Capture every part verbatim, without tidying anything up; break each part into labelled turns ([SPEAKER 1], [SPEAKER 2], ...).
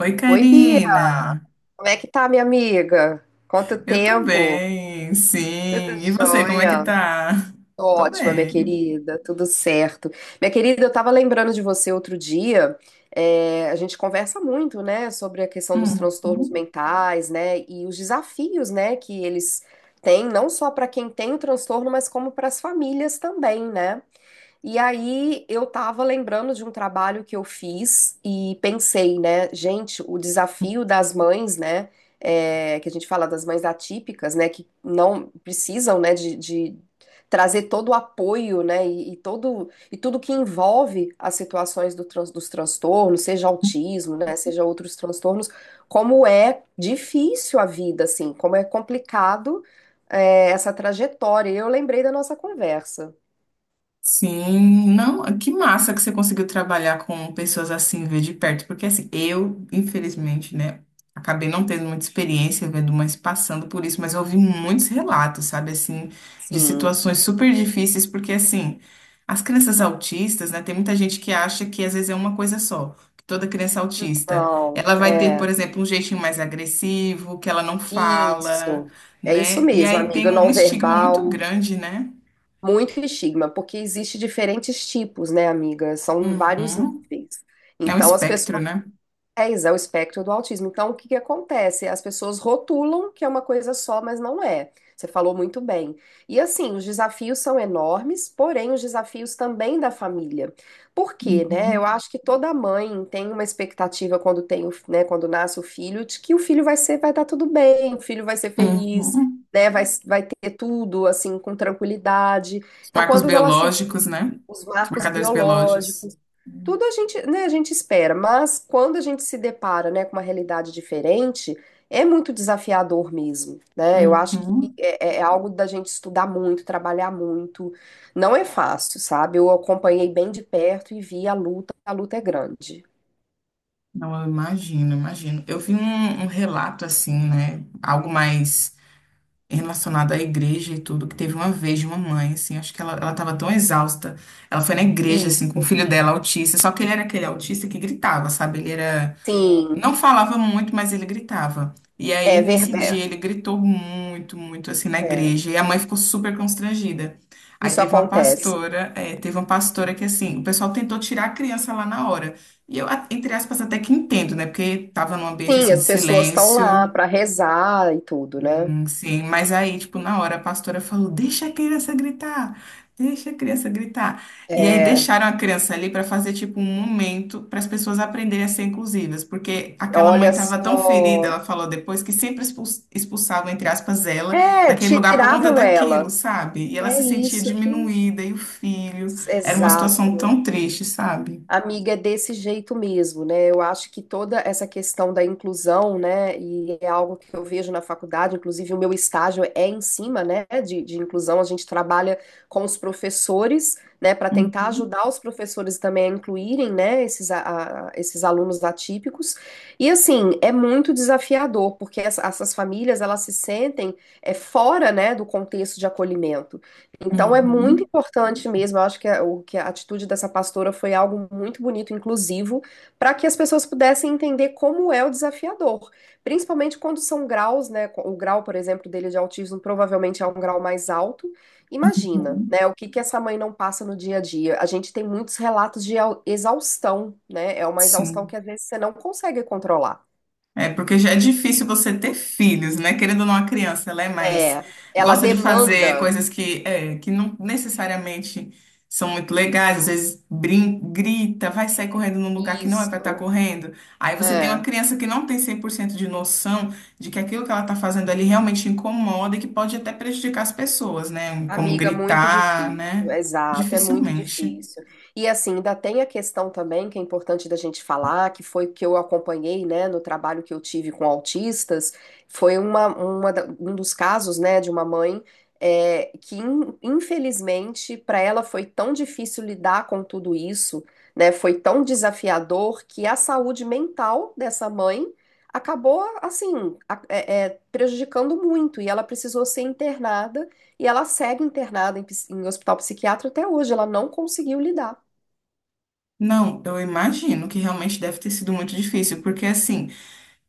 [SPEAKER 1] Oi,
[SPEAKER 2] Oi, Bia,
[SPEAKER 1] Karina.
[SPEAKER 2] como é que tá, minha amiga? Quanto
[SPEAKER 1] Eu tô
[SPEAKER 2] tempo?
[SPEAKER 1] bem,
[SPEAKER 2] Tudo
[SPEAKER 1] sim. E você, como é que
[SPEAKER 2] jóia?
[SPEAKER 1] tá?
[SPEAKER 2] Tô
[SPEAKER 1] Tô
[SPEAKER 2] ótima, minha
[SPEAKER 1] bem.
[SPEAKER 2] querida, tudo certo. Minha querida, eu tava lembrando de você outro dia. É, a gente conversa muito, né, sobre a questão dos transtornos
[SPEAKER 1] Hum.
[SPEAKER 2] mentais, né, e os desafios, né, que eles têm, não só para quem tem o transtorno, mas como para as famílias também, né? E aí eu tava lembrando de um trabalho que eu fiz e pensei, né, gente, o desafio das mães, né, é, que a gente fala das mães atípicas, né, que não precisam, né, de, de trazer todo o apoio, né, e, e todo e tudo que envolve as situações do trans- dos transtornos, seja autismo, né, seja outros transtornos, como é difícil a vida, assim, como é complicado, é, essa trajetória. E eu lembrei da nossa conversa,
[SPEAKER 1] Sim, não, que massa que você conseguiu trabalhar com pessoas assim, ver de perto, porque assim, eu, infelizmente, né, acabei não tendo muita experiência, vendo mães passando por isso, mas eu ouvi muitos relatos, sabe, assim, de
[SPEAKER 2] sim.
[SPEAKER 1] situações super difíceis, porque assim, as crianças autistas, né, tem muita gente que acha que às vezes é uma coisa só, que toda criança autista,
[SPEAKER 2] Não,
[SPEAKER 1] ela vai ter, por
[SPEAKER 2] é.
[SPEAKER 1] exemplo, um jeitinho mais agressivo, que ela não fala,
[SPEAKER 2] Isso. É isso
[SPEAKER 1] né, e
[SPEAKER 2] mesmo,
[SPEAKER 1] aí tem
[SPEAKER 2] amiga.
[SPEAKER 1] um
[SPEAKER 2] Não
[SPEAKER 1] estigma muito
[SPEAKER 2] verbal,
[SPEAKER 1] grande, né?
[SPEAKER 2] muito estigma, porque existe diferentes tipos, né, amiga? São vários
[SPEAKER 1] Uhum.
[SPEAKER 2] níveis.
[SPEAKER 1] É um
[SPEAKER 2] Então, as
[SPEAKER 1] espectro,
[SPEAKER 2] pessoas...
[SPEAKER 1] né?
[SPEAKER 2] É, exa- o espectro do autismo. Então, o que que acontece? As pessoas rotulam que é uma coisa só, mas não é. Você falou muito bem. E assim, os desafios são enormes, porém os desafios também da família. Por quê, né? Eu
[SPEAKER 1] Uhum.
[SPEAKER 2] acho que toda mãe tem uma expectativa quando tem, o- né, quando nasce o filho, de que o filho vai ser, vai dar tudo bem, o filho vai ser feliz,
[SPEAKER 1] Uhum.
[SPEAKER 2] né? Vai, vai ter tudo assim com tranquilidade.
[SPEAKER 1] Os
[SPEAKER 2] Então,
[SPEAKER 1] marcos
[SPEAKER 2] quando ela se...
[SPEAKER 1] biológicos, né?
[SPEAKER 2] os
[SPEAKER 1] Os
[SPEAKER 2] marcos
[SPEAKER 1] marcadores biológicos.
[SPEAKER 2] biológicos. Tudo a gente, né, a gente espera, mas quando a gente se depara, né, com uma realidade diferente, é muito desafiador mesmo, né? Eu acho que
[SPEAKER 1] Uhum.
[SPEAKER 2] é, é é algo da gente estudar muito, trabalhar muito. Não é fácil, sabe? Eu acompanhei bem de perto e vi a luta, a luta é grande.
[SPEAKER 1] Não, eu imagino, imagino. Eu vi um, um relato assim, né? Algo mais relacionado à igreja e tudo, que teve uma vez de uma mãe, assim, acho que ela, ela tava tão exausta. Ela foi na igreja, assim, com o
[SPEAKER 2] Isso,
[SPEAKER 1] filho dela, autista, só que ele era aquele autista que gritava, sabe? Ele era.
[SPEAKER 2] sim,
[SPEAKER 1] Não falava muito, mas ele gritava. E
[SPEAKER 2] é
[SPEAKER 1] aí, nesse
[SPEAKER 2] verdade.
[SPEAKER 1] dia, ele gritou muito, muito, assim, na
[SPEAKER 2] É,
[SPEAKER 1] igreja. E a mãe ficou super constrangida. Aí
[SPEAKER 2] isso
[SPEAKER 1] teve uma
[SPEAKER 2] acontece.
[SPEAKER 1] pastora, eh, teve uma pastora que, assim, o pessoal tentou tirar a criança lá na hora. E eu, a- entre aspas, até que entendo, né? Porque tava num ambiente,
[SPEAKER 2] Sim,
[SPEAKER 1] assim, de
[SPEAKER 2] as pessoas estão lá
[SPEAKER 1] silêncio.
[SPEAKER 2] para rezar e tudo, né?
[SPEAKER 1] Hum, sim, mas aí, tipo, na hora a pastora falou: deixa a criança gritar, deixa a criança gritar. E aí
[SPEAKER 2] É,
[SPEAKER 1] deixaram a criança ali para fazer, tipo, um momento para as pessoas aprenderem a ser inclusivas, porque aquela mãe
[SPEAKER 2] olha
[SPEAKER 1] estava tão ferida,
[SPEAKER 2] só.
[SPEAKER 1] ela falou depois, que sempre expuls- expulsavam, entre aspas, ela
[SPEAKER 2] É,
[SPEAKER 1] daquele lugar por conta
[SPEAKER 2] tiravam
[SPEAKER 1] daquilo,
[SPEAKER 2] ela.
[SPEAKER 1] sabe? E ela
[SPEAKER 2] É
[SPEAKER 1] se sentia
[SPEAKER 2] isso que...
[SPEAKER 1] diminuída, e o filho. Era uma
[SPEAKER 2] Exato.
[SPEAKER 1] situação tão triste, sabe?
[SPEAKER 2] Amiga, é desse jeito mesmo, né? Eu acho que toda essa questão da inclusão, né? E é algo que eu vejo na faculdade, inclusive o meu estágio é em cima, né? De, de inclusão. A gente trabalha com os professores, né? Para tentar
[SPEAKER 1] Uhum,
[SPEAKER 2] ajudar os professores também a incluírem, né? Esses, a- a- esses alunos atípicos. E assim, é muito desafiador, porque essa- essas famílias, elas se sentem é, fora, né? Do contexto de acolhimento. Então é muito
[SPEAKER 1] uhum,
[SPEAKER 2] importante mesmo, eu acho que a, o, que a atitude dessa pastora foi algo muito bonito, inclusivo, para que as pessoas pudessem entender como é o desafiador, principalmente quando são graus, né? co- O grau, por exemplo, dele de autismo provavelmente é um grau mais alto. Imagina,
[SPEAKER 1] uhum.
[SPEAKER 2] né? O que que essa mãe não passa no dia a dia? A gente tem muitos relatos de au- exaustão, né? É uma exaustão
[SPEAKER 1] Sim.
[SPEAKER 2] que às vezes você não consegue controlar.
[SPEAKER 1] É porque já é difícil você ter filhos, né? Querendo ou não, a criança, ela é mais.
[SPEAKER 2] É, ela
[SPEAKER 1] Gosta de fazer
[SPEAKER 2] demanda
[SPEAKER 1] coisas que, é, que não necessariamente são muito legais, às vezes brin grita, vai sair correndo num lugar que não é para estar
[SPEAKER 2] isso.
[SPEAKER 1] correndo. Aí você tem uma
[SPEAKER 2] É.
[SPEAKER 1] criança que não tem cem por cento de noção de que aquilo que ela está fazendo ali realmente incomoda e que pode até prejudicar as pessoas, né? Como
[SPEAKER 2] Amiga, muito
[SPEAKER 1] gritar,
[SPEAKER 2] difícil,
[SPEAKER 1] né?
[SPEAKER 2] exato, é muito
[SPEAKER 1] Dificilmente.
[SPEAKER 2] difícil. E assim, ainda tem a questão também que é importante da gente falar, que foi o que eu acompanhei, né, no trabalho que eu tive com autistas, foi uma, uma da- um dos casos, né, de uma mãe é, que in- infelizmente para ela foi tão difícil lidar com tudo isso, né, foi tão desafiador que a saúde mental dessa mãe acabou assim a- é, é, prejudicando muito e ela precisou ser internada e ela segue internada em, ps- em hospital psiquiátrico até hoje, ela não conseguiu lidar.
[SPEAKER 1] Não, eu imagino que realmente deve ter sido muito difícil, porque assim.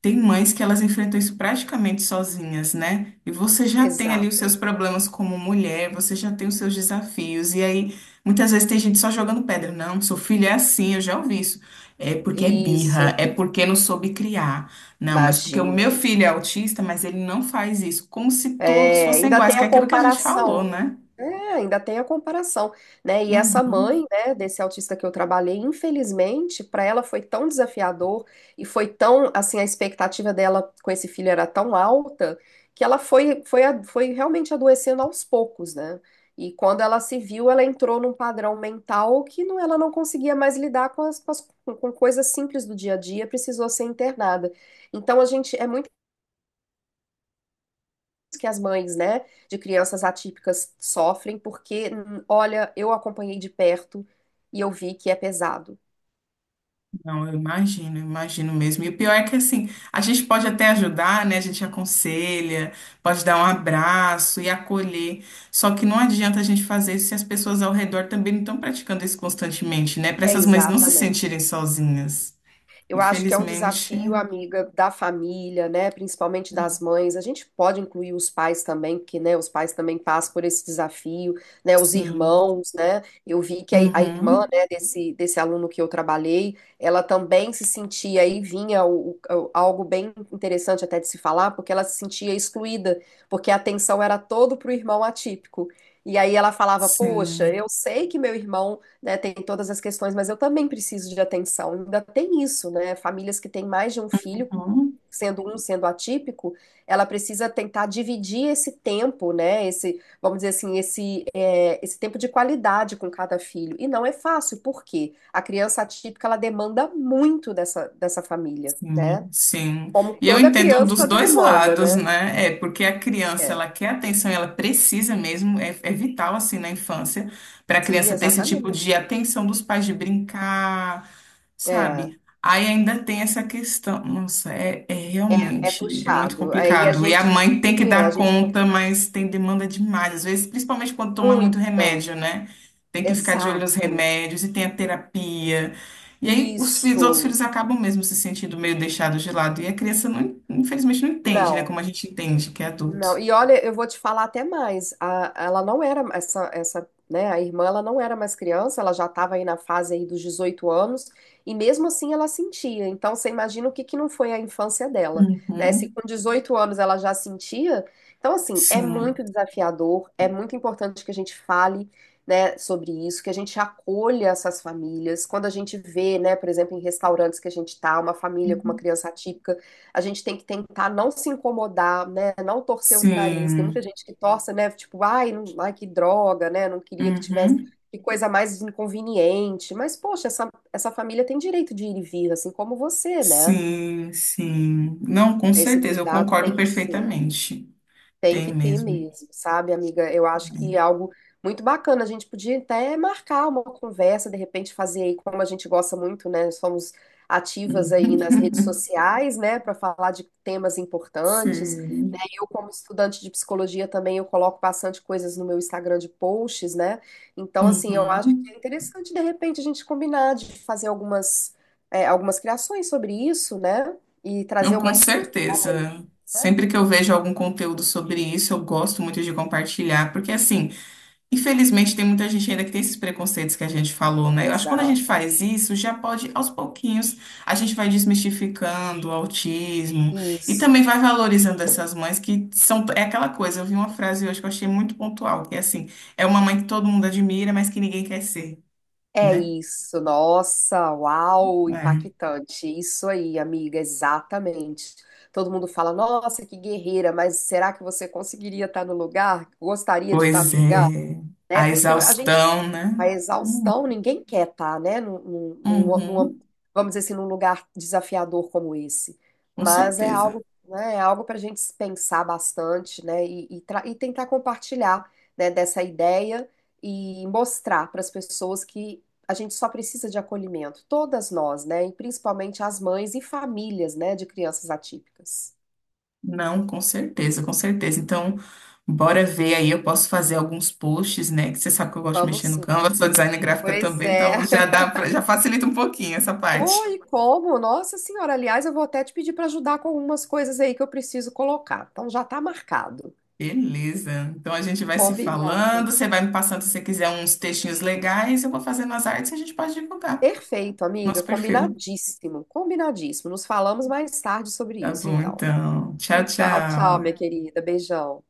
[SPEAKER 1] Tem mães que elas enfrentam isso praticamente sozinhas, né? E você já tem ali os seus
[SPEAKER 2] Exato.
[SPEAKER 1] problemas como mulher, você já tem os seus desafios. E aí, muitas vezes tem gente só jogando pedra. Não, seu filho é assim, eu já ouvi isso. É porque é birra,
[SPEAKER 2] Isso,
[SPEAKER 1] é porque não soube criar. Não, mas porque o
[SPEAKER 2] imagina.
[SPEAKER 1] meu filho é autista, mas ele não faz isso. Como se todos
[SPEAKER 2] É,
[SPEAKER 1] fossem
[SPEAKER 2] ainda
[SPEAKER 1] iguais,
[SPEAKER 2] tem
[SPEAKER 1] que
[SPEAKER 2] a
[SPEAKER 1] é aquilo que a gente falou,
[SPEAKER 2] comparação.
[SPEAKER 1] né?
[SPEAKER 2] É, ainda tem a comparação, né? E essa
[SPEAKER 1] Uhum.
[SPEAKER 2] mãe, né, desse autista que eu trabalhei, infelizmente, para ela foi tão desafiador e foi tão, assim, a expectativa dela com esse filho era tão alta que ela foi, foi, a- foi realmente adoecendo aos poucos, né? E quando ela se viu, ela entrou num padrão mental que não, ela não conseguia mais lidar com as, com as- com coisas simples do dia a dia, precisou ser internada. Então, a gente, é muito que as mães, né, de crianças atípicas sofrem, porque, hum, olha, eu acompanhei de perto e eu vi que é pesado.
[SPEAKER 1] Não, eu imagino, eu imagino mesmo. E o pior é que assim, a gente pode até ajudar, né? A gente aconselha, pode dar um abraço e acolher. Só que não adianta a gente fazer isso se as pessoas ao redor também não estão praticando isso constantemente, né? Para
[SPEAKER 2] É
[SPEAKER 1] essas mães não se
[SPEAKER 2] exatamente.
[SPEAKER 1] sentirem sozinhas.
[SPEAKER 2] Eu acho que é um
[SPEAKER 1] Infelizmente,
[SPEAKER 2] desafio, amiga, da família, né? Principalmente das mães. A gente pode incluir os pais também, porque, né, os pais também passam por esse desafio, né? Os
[SPEAKER 1] sim.
[SPEAKER 2] irmãos, né? Eu vi que a, a irmã,
[SPEAKER 1] Uhum,
[SPEAKER 2] né, desse, desse aluno que eu trabalhei, ela também se sentia aí, vinha o- o- algo bem interessante até de se falar, porque ela se sentia excluída, porque a atenção era todo para o irmão atípico. E aí ela falava, poxa, eu
[SPEAKER 1] sim.
[SPEAKER 2] sei que meu irmão né, tem todas as questões, mas eu também preciso de atenção. Ainda tem isso, né? Famílias que têm mais de um filho,
[SPEAKER 1] Uhum.
[SPEAKER 2] sendo um sendo atípico, ela precisa tentar dividir esse tempo, né? Esse, vamos dizer assim, esse, é, esse tempo de qualidade com cada filho. E não é fácil, porque a criança atípica ela demanda muito dessa, dessa família, né?
[SPEAKER 1] Sim, sim.
[SPEAKER 2] Como
[SPEAKER 1] E eu
[SPEAKER 2] toda
[SPEAKER 1] entendo dos
[SPEAKER 2] criança
[SPEAKER 1] dois
[SPEAKER 2] demanda,
[SPEAKER 1] lados,
[SPEAKER 2] né?
[SPEAKER 1] né? É porque a criança
[SPEAKER 2] É.
[SPEAKER 1] ela quer atenção, e ela precisa mesmo, é, é vital assim na infância para a
[SPEAKER 2] Sim,
[SPEAKER 1] criança ter esse tipo
[SPEAKER 2] exatamente.
[SPEAKER 1] de atenção dos pais de brincar,
[SPEAKER 2] É,
[SPEAKER 1] sabe? Aí ainda tem essa questão, nossa, é, é
[SPEAKER 2] é
[SPEAKER 1] realmente é muito
[SPEAKER 2] puxado. Aí a
[SPEAKER 1] complicado. E a
[SPEAKER 2] gente,
[SPEAKER 1] mãe tem que
[SPEAKER 2] sim, é, a
[SPEAKER 1] dar
[SPEAKER 2] gente fala
[SPEAKER 1] conta, mas tem demanda demais, às vezes, principalmente quando toma muito remédio,
[SPEAKER 2] muito.
[SPEAKER 1] né? Tem que ficar de olho nos
[SPEAKER 2] Exato.
[SPEAKER 1] remédios e tem a terapia. E aí os, fi- os outros
[SPEAKER 2] Isso.
[SPEAKER 1] filhos acabam mesmo se sentindo meio deixados de lado. E a criança, não, infelizmente, não entende, né?
[SPEAKER 2] Não.
[SPEAKER 1] Como a gente entende que é
[SPEAKER 2] Não,
[SPEAKER 1] adulto.
[SPEAKER 2] e olha, eu vou te falar até mais. A- ela não era essa, essa, né? A irmã, ela não era mais criança. Ela já estava aí na fase aí dos dezoito anos. E mesmo assim, ela sentia. Então, você imagina o que que não foi a infância dela, né? Se
[SPEAKER 1] Uhum.
[SPEAKER 2] com dezoito anos ela já sentia, então assim é
[SPEAKER 1] Sim.
[SPEAKER 2] muito desafiador. É muito importante que a gente fale, né, sobre isso, que a gente acolha essas famílias. Quando a gente vê, né, por exemplo, em restaurantes que a gente tá, uma família com uma
[SPEAKER 1] Uhum.
[SPEAKER 2] criança atípica, a gente tem que tentar não se incomodar, né? Não torcer o nariz. Tem
[SPEAKER 1] Sim.
[SPEAKER 2] muita gente que torce, né? Tipo, ai, não- ai, que droga, né? Não queria que tivesse,
[SPEAKER 1] Uhum.
[SPEAKER 2] que coisa mais inconveniente. Mas, poxa, essa, essa família tem direito de ir e vir, assim como você, né?
[SPEAKER 1] Sim, sim. Não, com
[SPEAKER 2] Esse
[SPEAKER 1] certeza, eu
[SPEAKER 2] cuidado tem
[SPEAKER 1] concordo
[SPEAKER 2] que ser,
[SPEAKER 1] perfeitamente.
[SPEAKER 2] tem que
[SPEAKER 1] Tem
[SPEAKER 2] ter
[SPEAKER 1] mesmo.
[SPEAKER 2] mesmo, sabe, amiga? Eu acho que é
[SPEAKER 1] É.
[SPEAKER 2] algo muito bacana. A gente podia até marcar uma conversa, de repente fazer aí, como a gente gosta muito, né? Somos ativas aí nas redes
[SPEAKER 1] Uhum.
[SPEAKER 2] sociais, né? Para falar de temas importantes.
[SPEAKER 1] Sim.
[SPEAKER 2] Eu, como estudante de psicologia também, eu coloco bastante coisas no meu Instagram de posts, né? Então, assim, eu acho que
[SPEAKER 1] Uhum.
[SPEAKER 2] é interessante, de repente, a gente combinar de fazer algumas, é, algumas criações sobre isso, né? E trazer
[SPEAKER 1] Não,
[SPEAKER 2] uma
[SPEAKER 1] com
[SPEAKER 2] discussão aí,
[SPEAKER 1] certeza.
[SPEAKER 2] né?
[SPEAKER 1] Sempre que eu vejo algum conteúdo sobre isso, eu gosto muito de compartilhar, porque assim. Infelizmente, tem muita gente ainda que tem esses preconceitos que a gente falou, né? Eu acho que quando a gente
[SPEAKER 2] Exato.
[SPEAKER 1] faz isso, já pode, aos pouquinhos, a gente vai desmistificando o autismo e
[SPEAKER 2] Isso.
[SPEAKER 1] também vai valorizando essas mães que são. É aquela coisa, eu vi uma frase hoje que eu achei muito pontual, que é assim: é uma mãe que todo mundo admira, mas que ninguém quer ser,
[SPEAKER 2] É
[SPEAKER 1] né?
[SPEAKER 2] isso. Nossa, uau,
[SPEAKER 1] É.
[SPEAKER 2] impactante. Isso aí, amiga, exatamente. Todo mundo fala, nossa, que guerreira, mas será que você conseguiria estar no lugar? Gostaria de estar
[SPEAKER 1] Pois
[SPEAKER 2] no lugar?
[SPEAKER 1] é,
[SPEAKER 2] Né?
[SPEAKER 1] a
[SPEAKER 2] Porque a gente...
[SPEAKER 1] exaustão, né?
[SPEAKER 2] A
[SPEAKER 1] Hum,
[SPEAKER 2] exaustão ninguém quer estar, né? Num, num- num- num-
[SPEAKER 1] uhum,
[SPEAKER 2] vamos dizer assim, num lugar desafiador como esse.
[SPEAKER 1] com
[SPEAKER 2] Mas é
[SPEAKER 1] certeza.
[SPEAKER 2] algo, né, é algo para a gente pensar bastante, né? E, e tra- e tentar compartilhar, né, dessa ideia e mostrar para as pessoas que a gente só precisa de acolhimento, todas nós, né? E principalmente as mães e famílias, né, de crianças atípicas.
[SPEAKER 1] Não, com certeza, com certeza. Então, bora ver aí. Eu posso fazer alguns posts, né? Que você sabe que eu gosto de
[SPEAKER 2] Vamos
[SPEAKER 1] mexer no
[SPEAKER 2] sim.
[SPEAKER 1] Canva, sou designer gráfica
[SPEAKER 2] Pois
[SPEAKER 1] também,
[SPEAKER 2] é.
[SPEAKER 1] então já dá pra, já facilita um pouquinho essa parte.
[SPEAKER 2] Oi, como? Nossa Senhora, aliás, eu vou até te pedir para ajudar com algumas coisas aí que eu preciso colocar. Então já tá marcado.
[SPEAKER 1] Beleza. Então a gente vai se
[SPEAKER 2] Combinado.
[SPEAKER 1] falando. Você vai me passando, se você quiser, uns textinhos legais, eu vou fazendo as artes e a gente pode divulgar
[SPEAKER 2] Perfeito, amiga.
[SPEAKER 1] nosso perfil.
[SPEAKER 2] Combinadíssimo. Combinadíssimo. Nos falamos mais tarde sobre
[SPEAKER 1] Tá
[SPEAKER 2] isso,
[SPEAKER 1] bom,
[SPEAKER 2] então.
[SPEAKER 1] então. Tchau,
[SPEAKER 2] Tchau, tchau, minha
[SPEAKER 1] tchau.
[SPEAKER 2] querida. Beijão.